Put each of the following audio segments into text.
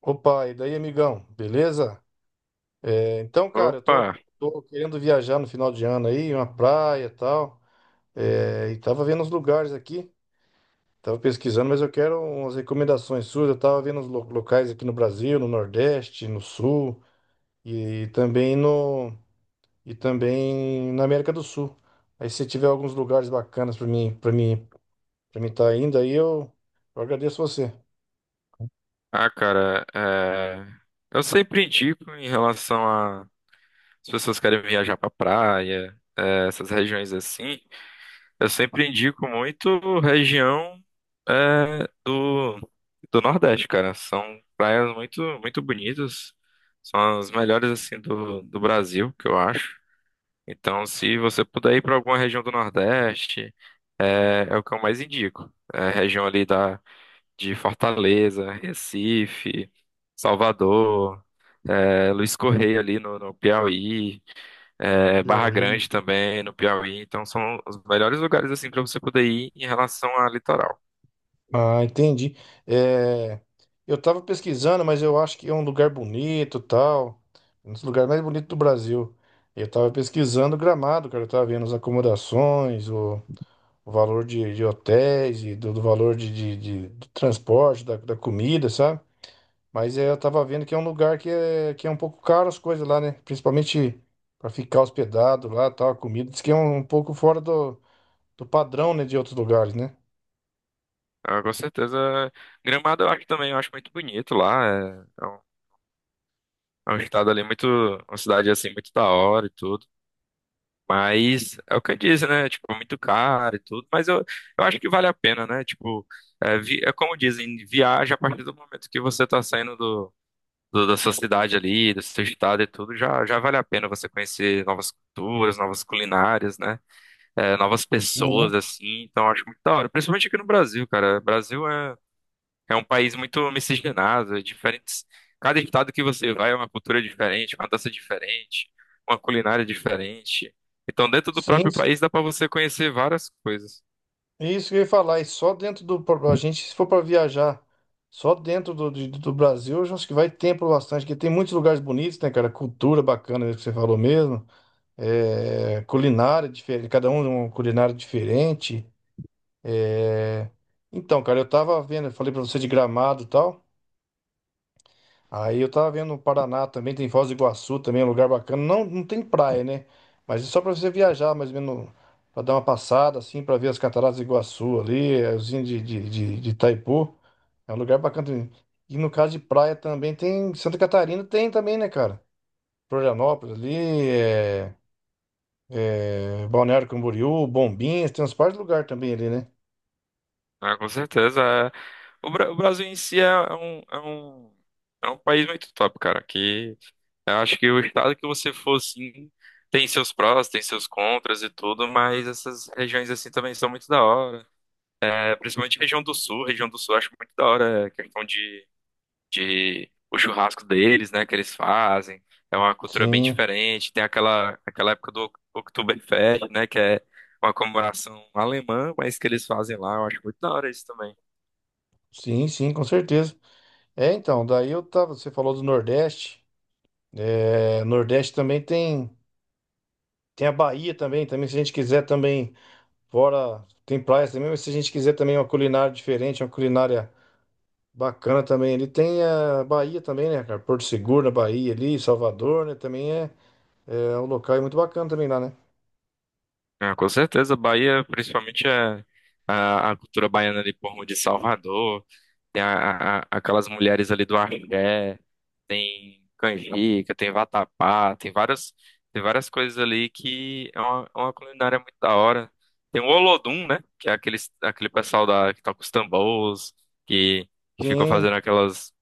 Opa, e daí, amigão? Beleza? Cara, Opa! tô querendo viajar no final de ano aí, uma praia e tal. E tava vendo os lugares aqui, tava pesquisando, mas eu quero umas recomendações suas. Eu tava vendo os locais aqui no Brasil, no Nordeste, no Sul e também no e também na América do Sul. Aí se tiver alguns lugares bacanas para mim estar indo aí, eu agradeço você. Ah, cara, eu sempre indico em relação a as pessoas querem viajar pra praia, essas regiões assim, eu sempre indico muito região é, do, do Nordeste, cara. São praias muito, muito bonitas, são as melhores assim do Brasil, que eu acho. Então, se você puder ir pra alguma região do Nordeste, é o que eu mais indico. É a região ali da de Fortaleza, Recife, Salvador, Luiz Correia ali no Piauí, Barra Piauí. Grande também no Piauí. Então são os melhores lugares assim para você poder ir em relação a litoral. Ah, entendi. É, eu tava pesquisando, mas eu acho que é um lugar bonito, tal, um dos lugares mais bonitos do Brasil. Eu tava pesquisando Gramado, cara, eu tava vendo as acomodações, o valor de hotéis e do valor do transporte, da comida, sabe? Mas é, eu tava vendo que é um lugar que é um pouco caro as coisas lá, né? Principalmente para ficar hospedado lá, tal, a comida. Diz que é um pouco fora do padrão, né, de outros lugares, né? Ah, com certeza, Gramado eu acho também, eu acho muito bonito lá. É um estado ali muito, uma cidade assim muito da hora e tudo. Mas é o que eu disse, né? Tipo, é muito caro e tudo, eu acho que vale a pena, né? Tipo, é como dizem, viaja a partir do momento que você tá saindo da sua cidade ali, do seu estado e tudo, já vale a pena você conhecer novas culturas, novas culinárias, né? É, novas Sim. pessoas, assim, então eu acho muito da hora. Principalmente aqui no Brasil, cara. Brasil é um país muito miscigenado, é diferentes. Cada estado que você vai é uma cultura diferente, uma dança diferente, uma culinária diferente. Então, dentro do Sim. próprio país dá para você conhecer várias coisas. Isso que eu ia falar, e só dentro do. A gente, se for para viajar só dentro do Brasil, eu já acho que vai tempo bastante, porque tem muitos lugares bonitos, né, cara? Cultura bacana, isso que você falou mesmo. É, culinária diferente, cada um uma culinária diferente. É, então, cara, eu tava vendo, eu falei pra você de Gramado e tal. Aí eu tava vendo o Paraná também, tem Foz do Iguaçu também, é um lugar bacana. Não tem praia, né? Mas é só pra você viajar, mais ou menos, pra dar uma passada, assim, pra ver as cataratas do Iguaçu ali, a usina de Itaipu. É um lugar bacana também. E no caso de praia também tem. Santa Catarina tem também, né, cara? Florianópolis ali, é, Balneário Camboriú, Bombinhas, tem uns par de lugar também ali, né? Né? Com certeza. É. O Brasil em si é um, um, é um país muito top, cara. Que eu acho que o estado que você for, assim, tem seus prós, tem seus contras e tudo, mas essas regiões assim também são muito da hora. É, principalmente região do sul eu acho muito da hora. Questão de o churrasco deles, né, que eles fazem. É uma cultura bem Sim, diferente. Tem aquela época do Oktoberfest, né, que é uma comemoração alemã, mas que eles fazem lá, eu acho muito da hora isso também. sim, sim, com certeza. É, então, daí eu tava. Você falou do Nordeste. É, Nordeste também tem. Tem a Bahia também, se a gente quiser também, fora. Tem praias também, mas se a gente quiser também uma culinária diferente, uma culinária. Bacana também. Ele tem a Bahia também, né, cara? Porto Seguro na Bahia ali, Salvador, né? Também é, é um local muito bacana também lá, né? Ah, com certeza, Bahia, principalmente é a cultura baiana ali por de Salvador. Tem aquelas mulheres ali do axé, tem canjica, tem vatapá, tem várias coisas ali que é uma culinária muito da hora. Tem o Olodum, né? Que é aquele, aquele pessoal da, que toca os tambores, que, que ficou Sim. fazendo aquelas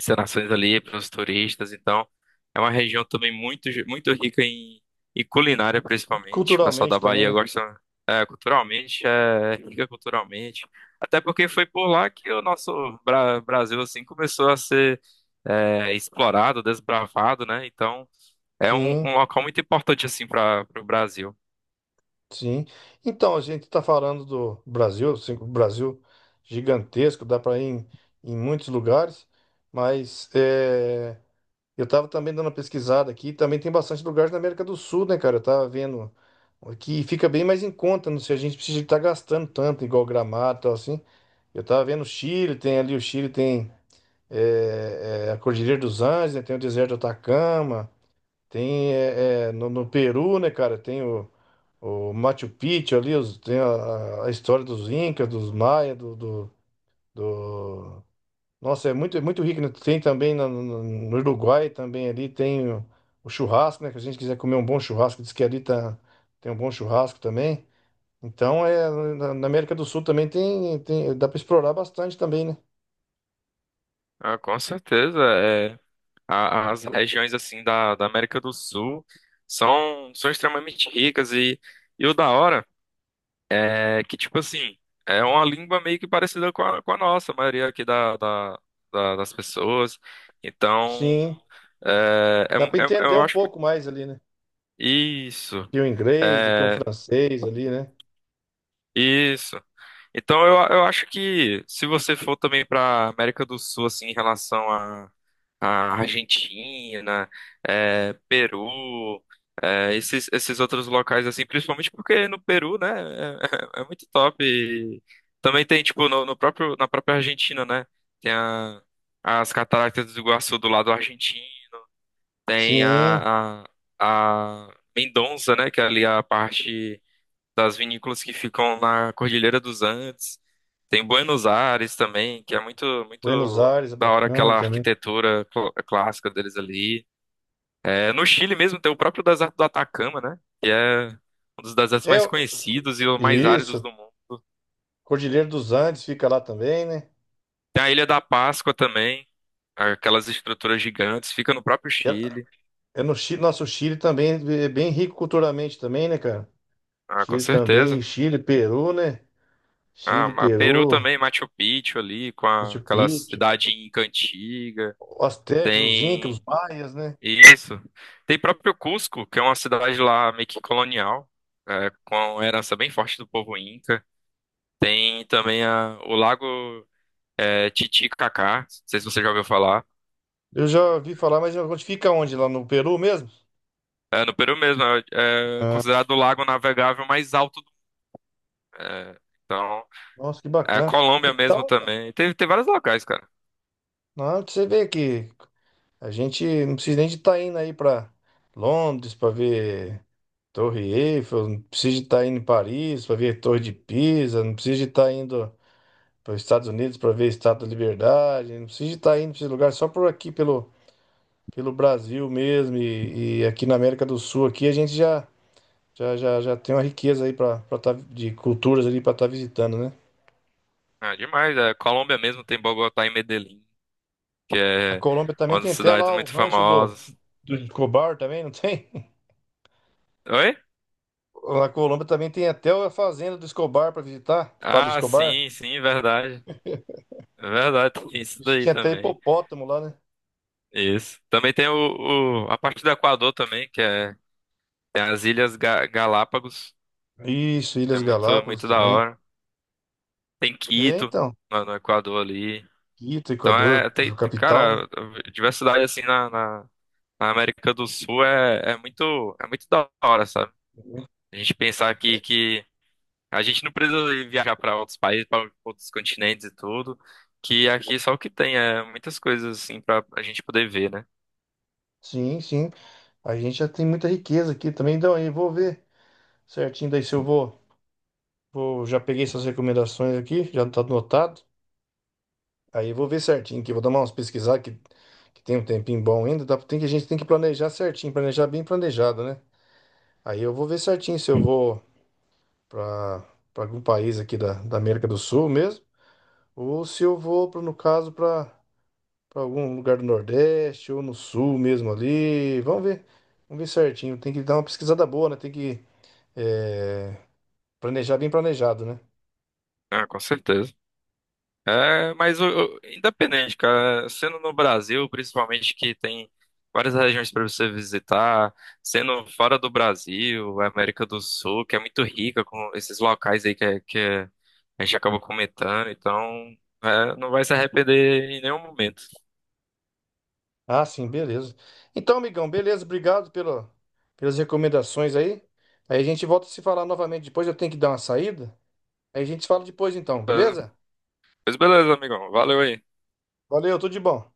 encenações ali para os turistas. Então, é uma região também muito, muito rica em, em culinária, principalmente. O pessoal da Culturalmente também, Bahia né? gosta, é, culturalmente, é rica culturalmente. Até porque foi por lá que o nosso Brasil assim começou a ser é, explorado, desbravado, né? Então, Sim, um local muito importante assim para o Brasil. sim. Então, a gente tá falando do Brasil, assim, o Brasil gigantesco, dá para ir em, em muitos lugares, mas é, eu tava também dando uma pesquisada aqui, também tem bastante lugares na América do Sul, né, cara? Eu tava vendo que fica bem mais em conta, não sei, a gente precisa estar gastando tanto, igual Gramado e tal, assim. Eu tava vendo o Chile, tem ali o Chile, tem a Cordilheira dos Andes, né? Tem o deserto do Atacama, tem no Peru, né, cara? O Machu Picchu ali, tem a história dos Incas, dos Maia, do- nossa, é muito rico, né? Tem também no Uruguai, também ali o churrasco, né? Que a gente quiser comer um bom churrasco, diz que ali tá, tem um bom churrasco também. Então, é, na na América do Sul também tem, tem, dá para explorar bastante também, né? Ah, com certeza, as regiões assim da América do Sul são, são extremamente ricas e o da hora. É que, tipo assim, é uma língua meio que parecida com a nossa, a maioria aqui das pessoas. Então, Sim, dá para entender eu um acho. pouco mais ali, né? Isso, Que o inglês, do que um é, francês ali, né? isso. Então, eu acho que se você for também para América do Sul, assim, em relação a Argentina, é, Peru, é, esses, esses outros locais, assim, principalmente porque no Peru, né, é muito top. E também tem, tipo, no próprio, na própria Argentina, né, tem a, as Cataratas do Iguaçu do lado argentino, tem Sim, a, a, a Mendoza, né, que é ali a parte das vinícolas que ficam na Cordilheira dos Andes. Tem Buenos Aires também, que é muito, Buenos muito Aires é da hora bacana aquela também. arquitetura clássica deles ali. É, no Chile mesmo tem o próprio deserto do Atacama, né? Que é um dos desertos É, mais o- conhecidos e os mais áridos isso, do mundo. Cordilheira dos Andes fica lá também, né? Tem a Ilha da Páscoa também, aquelas estruturas gigantes, fica no próprio É, Chile. é no Chile, nosso Chile também é é bem rico culturalmente também, né, cara? Ah, com Chile certeza. também, Chile, Peru, né? Ah, Chile, Peru Peru, também, Machu Picchu ali, Machu aquela Picchu, cidade inca antiga. os Aztecas, os Incas, os Tem Maias, né? isso. Tem próprio Cusco, que é uma cidade lá meio que colonial, é, com herança bem forte do povo Inca. Tem também o Lago é, Titicacá, não sei se você já ouviu falar. Eu já ouvi falar, mas onde fica onde? Lá no Peru mesmo? É, no Peru mesmo, é, é considerado o lago navegável mais alto do é, então, Nossa, que a bacana. Colômbia mesmo Então, tá. também. Tem, tem vários locais, cara. Não, você vê que a gente não precisa nem de estar indo aí para Londres para ver Torre Eiffel, não precisa de estar indo em Paris para ver Torre de Pisa, não precisa de estar indo para os Estados Unidos para ver a Estátua da Liberdade, não precisa de estar indo para esse lugar só por aqui pelo, pelo Brasil mesmo e aqui na América do Sul aqui a gente já já tem uma riqueza aí para estar de culturas ali para estar visitando, né? É demais. É, Colômbia mesmo tem Bogotá e Medellín, que A é Colômbia também uma das tem até cidades lá o muito rancho do, famosas. do Escobar também, não tem? Oi? A Colômbia também tem até a fazenda do Escobar para visitar, Pablo Ah, Escobar. sim, sim, verdade. Verdade, tem isso Isso daí tinha até também. hipopótamo lá, né? Isso. Também tem a parte do Equador também, que é tem as Ilhas Galápagos. Isso, É Ilhas muito Galápagos muito da também. hora. Tem É, Quito então, no Equador ali. Quito, Então Equador, é capital, né? cara, diversidade assim na América do Sul é muito da hora, sabe? A gente pensar que a gente não precisa ir viajar para outros países, para outros continentes e tudo, que aqui só o que tem é muitas coisas assim para a gente poder ver, né? Sim, sim. A gente já tem muita riqueza aqui também. Então, aí vou ver certinho daí se eu vou. Já peguei essas recomendações aqui, já tá anotado. Aí eu vou ver certinho aqui, vou dar umas pesquisadas que tem um tempinho bom ainda. Dá, tem que, a gente tem que planejar certinho, planejar bem planejado, né? Aí eu vou ver certinho se eu vou para algum país aqui da América do Sul mesmo, ou se eu vou, pra, no caso, para algum lugar do Nordeste ou no Sul mesmo ali. Vamos ver certinho. Tem que dar uma pesquisada boa, né? Tem que é, planejar bem planejado, né? Ah, com certeza. É, independente, cara, sendo no Brasil, principalmente que tem várias regiões para você visitar, sendo fora do Brasil, América do Sul, que é muito rica com esses locais aí que a gente acaba comentando, então é, não vai se arrepender em nenhum momento. Ah, sim, beleza. Então, amigão, beleza, obrigado pela, pelas recomendações aí. Aí a gente volta a se falar novamente depois. Eu tenho que dar uma saída. Aí a gente se fala depois, então, Mas- beleza? Pois beleza, amigão, valeu aí. Valeu, tudo de bom.